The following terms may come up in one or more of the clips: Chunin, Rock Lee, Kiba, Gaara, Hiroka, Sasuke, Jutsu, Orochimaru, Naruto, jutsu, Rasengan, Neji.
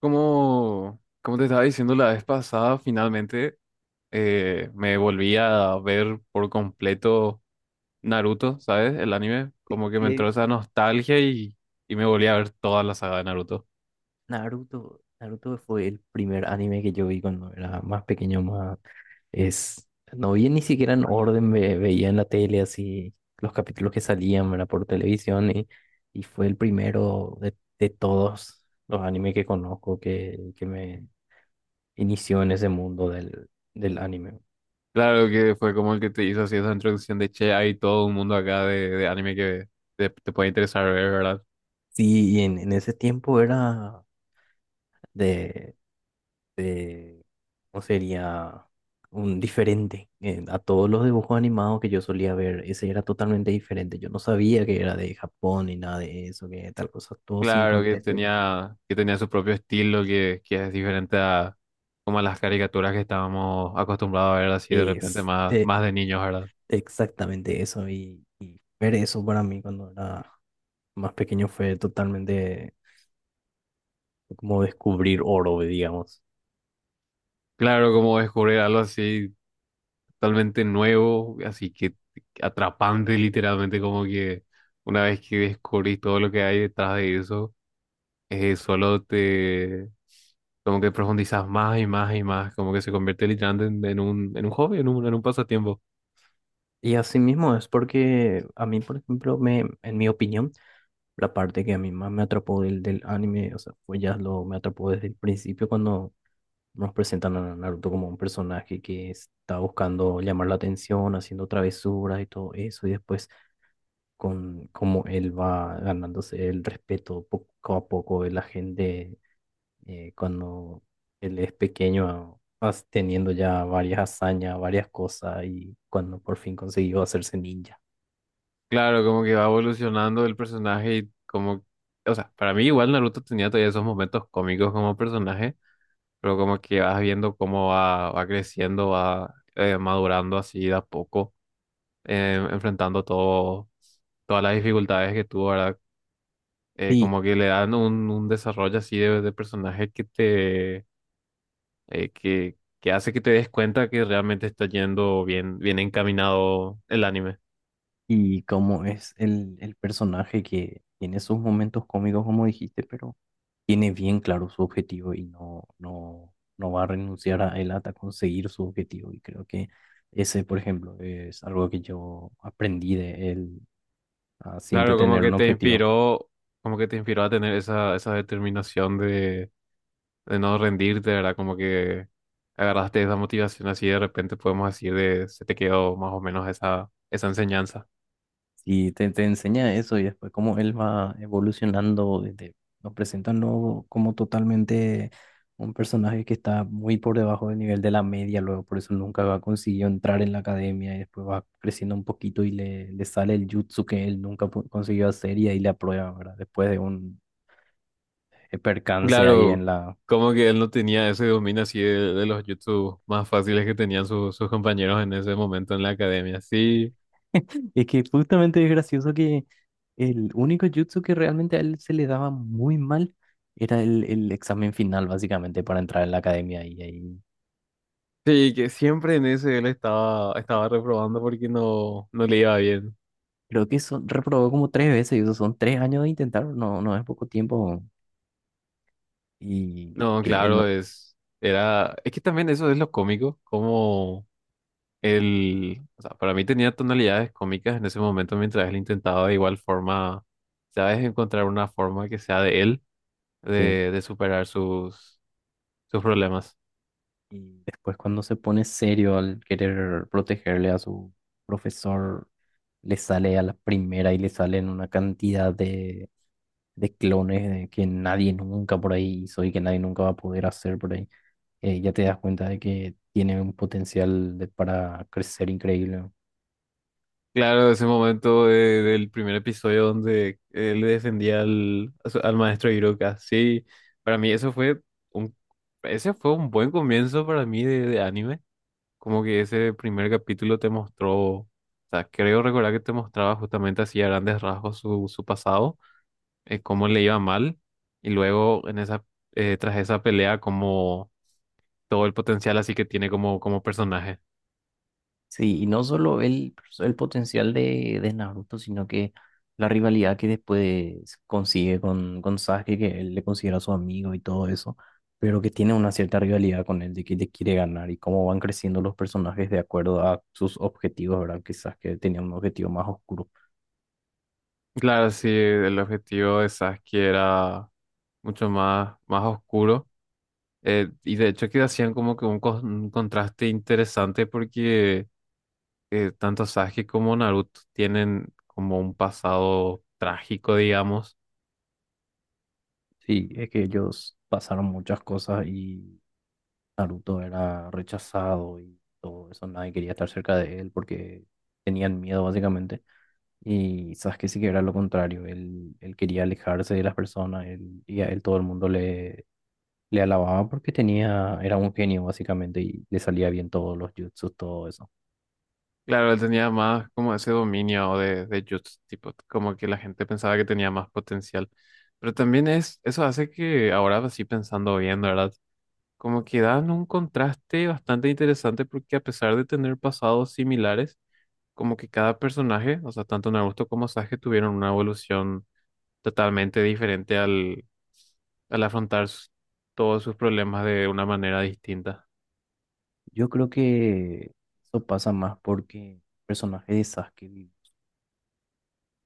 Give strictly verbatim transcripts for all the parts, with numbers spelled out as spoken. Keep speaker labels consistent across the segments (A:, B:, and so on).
A: Como, como te estaba diciendo la vez pasada, finalmente eh, me volví a ver por completo Naruto, ¿sabes? El anime. Como que me entró
B: Que
A: esa nostalgia y, y me volví a ver toda la saga de Naruto.
B: Naruto, Naruto fue el primer anime que yo vi cuando era más pequeño, más es no vi ni siquiera en orden, ve- veía en la tele así los capítulos que salían, ¿verdad? Por televisión y, y fue el primero de, de todos los animes que conozco que, que me inició en ese mundo del, del anime.
A: Claro que fue como el que te hizo así esa introducción de che, hay todo un mundo acá de, de anime que te, te puede interesar ver, ¿verdad?
B: Sí, y en, en ese tiempo era de eh, ¿cómo sería? Un diferente. Eh, a todos los dibujos animados que yo solía ver, ese era totalmente diferente. Yo no sabía que era de Japón ni nada de eso, que tal cosa, todo sin
A: Claro que
B: contexto.
A: tenía, que tenía su propio estilo que, que es diferente a como a las caricaturas que estábamos acostumbrados a ver así de repente
B: Es
A: más,
B: eh,
A: más de niños, ¿verdad?
B: exactamente eso. Y, y ver eso para mí cuando era más pequeño fue totalmente como descubrir oro, digamos.
A: Claro, como descubrir algo así totalmente nuevo, así que atrapante literalmente, como que una vez que descubrís todo lo que hay detrás de eso, eh, solo te, como que profundizas más y más y más, como que se convierte literalmente en, en un, en un hobby, en un, en un pasatiempo.
B: Y así mismo es porque a mí, por ejemplo, me, en mi opinión, la parte que a mí más me atrapó del, del anime, o sea, fue ya lo me atrapó desde el principio cuando nos presentan a Naruto como un personaje que está buscando llamar la atención, haciendo travesuras y todo eso, y después con cómo él va ganándose el respeto poco a poco de la gente eh, cuando él es pequeño, as- teniendo ya varias hazañas, varias cosas, y cuando por fin consiguió hacerse ninja.
A: Claro, como que va evolucionando el personaje y como, o sea, para mí igual Naruto tenía todavía esos momentos cómicos como personaje, pero como que vas viendo cómo va, va creciendo, va eh, madurando así de a poco eh, enfrentando todo, todas las dificultades que tuvo, ¿verdad? Eh,
B: Sí.
A: como que le dan un, un desarrollo así de, de personaje que te, eh, que, que hace que te des cuenta que realmente está yendo bien, bien encaminado el anime.
B: Y cómo es el, el personaje que tiene sus momentos cómicos, como dijiste, pero tiene bien claro su objetivo y no, no, no va a renunciar a él hasta conseguir su objetivo. Y creo que ese, por ejemplo, es algo que yo aprendí de él, a siempre
A: Claro, como
B: tener
A: que
B: un
A: te
B: objetivo.
A: inspiró, como que te inspiró a tener esa, esa determinación de, de no rendirte, ¿verdad? Como que agarraste esa motivación así de repente podemos decir de, se te quedó más o menos esa, esa enseñanza.
B: Y te, te enseña eso y después cómo él va evolucionando, desde, nos presentan luego como totalmente un personaje que está muy por debajo del nivel de la media, luego por eso nunca va consiguió entrar en la academia y después va creciendo un poquito y le, le sale el jutsu que él nunca pu- consiguió hacer y ahí le aprueba, ¿verdad? Después de un eh, percance ahí
A: Claro,
B: en la.
A: como que él no tenía ese dominio así de, de los YouTube más fáciles que tenían su- sus compañeros en ese momento en la academia. Sí,
B: Es que justamente es gracioso que el único jutsu que realmente a él se le daba muy mal era el, el examen final, básicamente, para entrar en la academia. Y ahí
A: sí, que siempre en ese él estaba, estaba reprobando porque no, no le iba bien.
B: creo que eso reprobó como tres veces, y eso son tres años de intentar, no, no es poco tiempo. Y
A: No,
B: que él
A: claro,
B: no.
A: es, era, es que también eso es lo cómico, como él, o sea, para mí tenía tonalidades cómicas en ese momento mientras él intentaba de igual forma, ¿sabes? Encontrar una forma que sea de él,
B: Sí.
A: de, de superar sus, sus problemas.
B: Y después, cuando se pone serio al querer protegerle a su profesor, le sale a la primera y le salen una cantidad de, de clones de que nadie nunca por ahí hizo y que nadie nunca va a poder hacer por ahí. Eh, ya te das cuenta de que tiene un potencial de- para crecer increíble, ¿no?
A: Claro, ese momento de- del primer episodio donde él le defendía al, a su- al maestro Hiroka. Sí, para mí eso fue un, ese fue un buen comienzo para mí de, de anime. Como que ese primer capítulo te mostró, o sea, creo recordar que te mostraba justamente así a grandes rasgos su, su pasado, eh, cómo le iba mal, y luego en esa, eh, tras esa pelea, como todo el potencial así que tiene como, como personaje.
B: Sí, y no solo el, el potencial de, de Naruto, sino que la rivalidad que después consigue con, con Sasuke, que él le considera su amigo y todo eso, pero que tiene una cierta rivalidad con él de que le quiere ganar y cómo van creciendo los personajes de acuerdo a sus objetivos, ¿verdad? Que Sasuke tenía un objetivo más oscuro.
A: Claro, sí, el objetivo de Sasuke era mucho más, más oscuro. eh, y de hecho que hacían como que un, cos- un contraste interesante porque eh, tanto Sasuke como Naruto tienen como un pasado trágico, digamos.
B: Sí, es que ellos pasaron muchas cosas y Naruto era rechazado y todo eso, nadie quería estar cerca de él porque tenían miedo básicamente. Y Sasuke sí que era lo contrario, él, él quería alejarse de las personas él- y a él todo el mundo le, le alababa porque tenía, era un genio básicamente y le salía bien todos los jutsus, todo eso.
A: Claro, él tenía más como ese dominio de, de Jutsu, tipo, como que la gente pensaba que tenía más potencial. Pero también es, eso hace que ahora sí pensando bien, ¿verdad? Como que dan un contraste bastante interesante porque a pesar de tener pasados similares, como que cada personaje, o sea, tanto Naruto como Sasuke tuvieron una evolución totalmente diferente al, al afrontar s- todos sus problemas de una manera distinta.
B: Yo creo que eso pasa más porque el personaje de Sasuke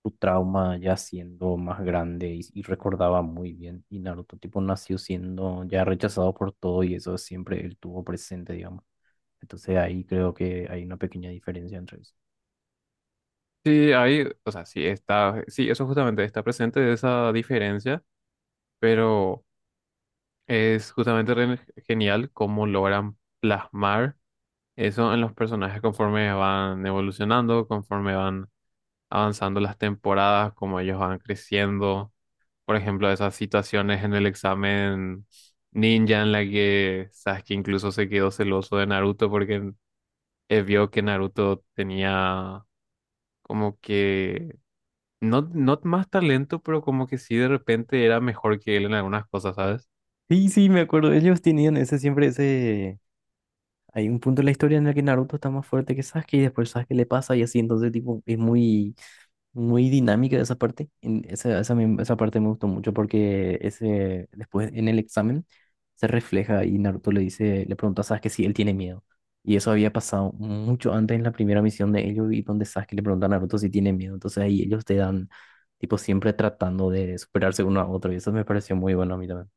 B: su trauma ya siendo más grande y, y recordaba muy bien. Y Naruto, tipo, nació siendo ya rechazado por todo y eso siempre él tuvo presente, digamos. Entonces ahí creo que hay una pequeña diferencia entre eso.
A: Sí, hay, o sea, sí está, sí, eso justamente está presente esa diferencia, pero es justamente re- genial cómo logran plasmar eso en los personajes conforme van evolucionando, conforme van avanzando las temporadas, como ellos van creciendo. Por ejemplo, esas situaciones en el examen ninja en la que Sasuke incluso se quedó celoso de Naruto porque eh, vio que Naruto tenía como que no, no más talento, pero como que sí de repente era mejor que él en algunas cosas, ¿sabes?
B: Sí, sí, me acuerdo. Ellos tenían ese siempre ese. Hay un punto en la historia en el que Naruto está más fuerte que Sasuke y después Sasuke le pasa y así, entonces tipo es muy, muy dinámica esa parte. En esa, esa, me- esa parte me gustó mucho porque ese, después en el examen se refleja y Naruto le dice, le pregunta a Sasuke si él tiene miedo. Y eso había pasado mucho antes en la primera misión de ellos y donde Sasuke le pregunta a Naruto si tiene miedo. Entonces ahí ellos te dan, tipo siempre tratando de superarse uno a otro y eso me pareció muy bueno a mí también.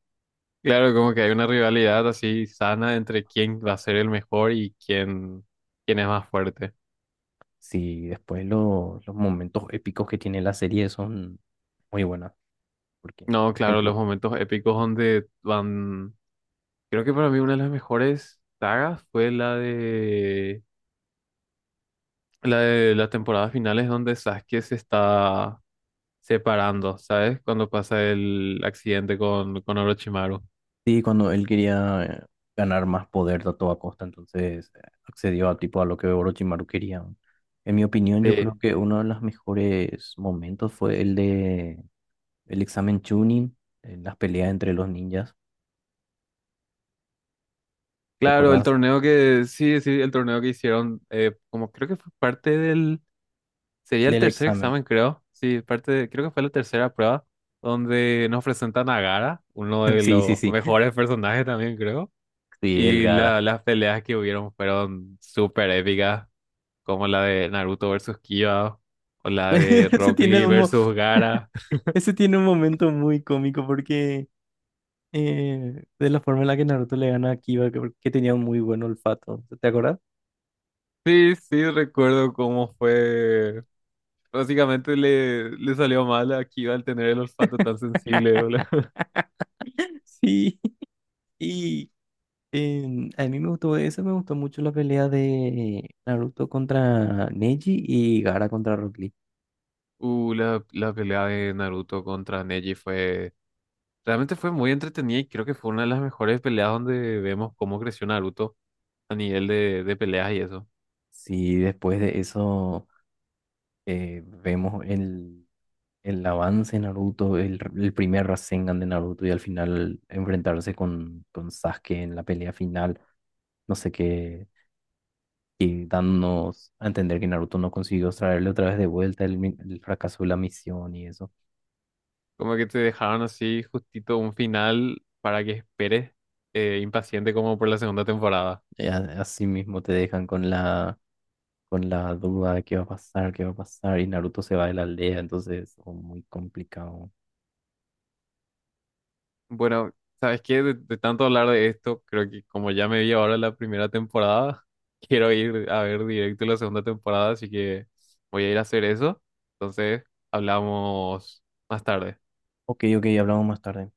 A: Claro, como que hay una rivalidad así sana entre quién va a ser el mejor y quién, quién es más fuerte.
B: Sí, después lo- los momentos épicos que tiene la serie son muy buena, porque,
A: No,
B: por
A: claro,
B: ejemplo,
A: los momentos épicos donde van. Creo que para mí una de las mejores sagas fue la de la de las temporadas finales donde Sasuke se está separando, ¿sabes? Cuando pasa el accidente con, con Orochimaru.
B: sí, cuando él quería eh, ganar más poder a toda costa, entonces eh, accedió a tipo a lo que Orochimaru quería, ¿no? En mi opinión, yo creo
A: Sí.
B: que uno de los mejores momentos fue el de el examen Chunin, en las peleas entre los ninjas,
A: Claro, el
B: ¿recordás?
A: torneo que, sí, sí, el torneo que hicieron, eh, como creo que fue parte del, sería el
B: Del
A: tercer
B: examen.
A: examen, creo. Sí, parte de- creo que fue la tercera prueba donde nos presentan a Gaara, uno de
B: Sí, sí,
A: los
B: sí.
A: mejores personajes también, creo.
B: Sí, el
A: Y la-
B: Gara.
A: las peleas que hubieron fueron súper épicas, como la de Naruto versus Kiba o la de
B: Ese
A: Rock
B: tiene
A: Lee
B: un, mo-
A: versus Gaara.
B: ese tiene un momento muy cómico porque eh, de la forma en la que Naruto le gana a Kiba, que, que tenía un muy buen olfato. ¿Te acuerdas?
A: Sí, sí, recuerdo cómo fue. Básicamente le, le salió mal a Kiba al tener el olfato tan sensible, ¿no?
B: Sí, y em, a mí me gustó eso, me gustó mucho la pelea de Naruto contra Neji y Gaara contra Rock Lee.
A: Uh, la, la pelea de Naruto contra Neji fue... Realmente fue muy entretenida y creo que fue una de las mejores peleas donde vemos cómo creció Naruto a nivel de, de peleas y eso.
B: Sí, después de eso eh, vemos el, el avance de Naruto, el, el primer Rasengan de Naruto y al final enfrentarse con, con Sasuke en la pelea final, no sé qué, y dándonos a entender que Naruto no consiguió traerle otra vez de vuelta el, mi- el fracaso de la misión y eso.
A: Como que te dejaron así justito un final para que esperes eh, impaciente como por la segunda temporada.
B: Eh, a- Así mismo te dejan con la con la duda de qué va a pasar, qué va a pasar, y Naruto se va de la aldea, entonces es muy complicado.
A: Bueno, ¿sabes qué? De, de tanto hablar de esto, creo que como ya me vi ahora la primera temporada, quiero ir a ver directo la segunda temporada, así que voy a ir a hacer eso. Entonces, hablamos más tarde.
B: Ok, ok, hablamos más tarde.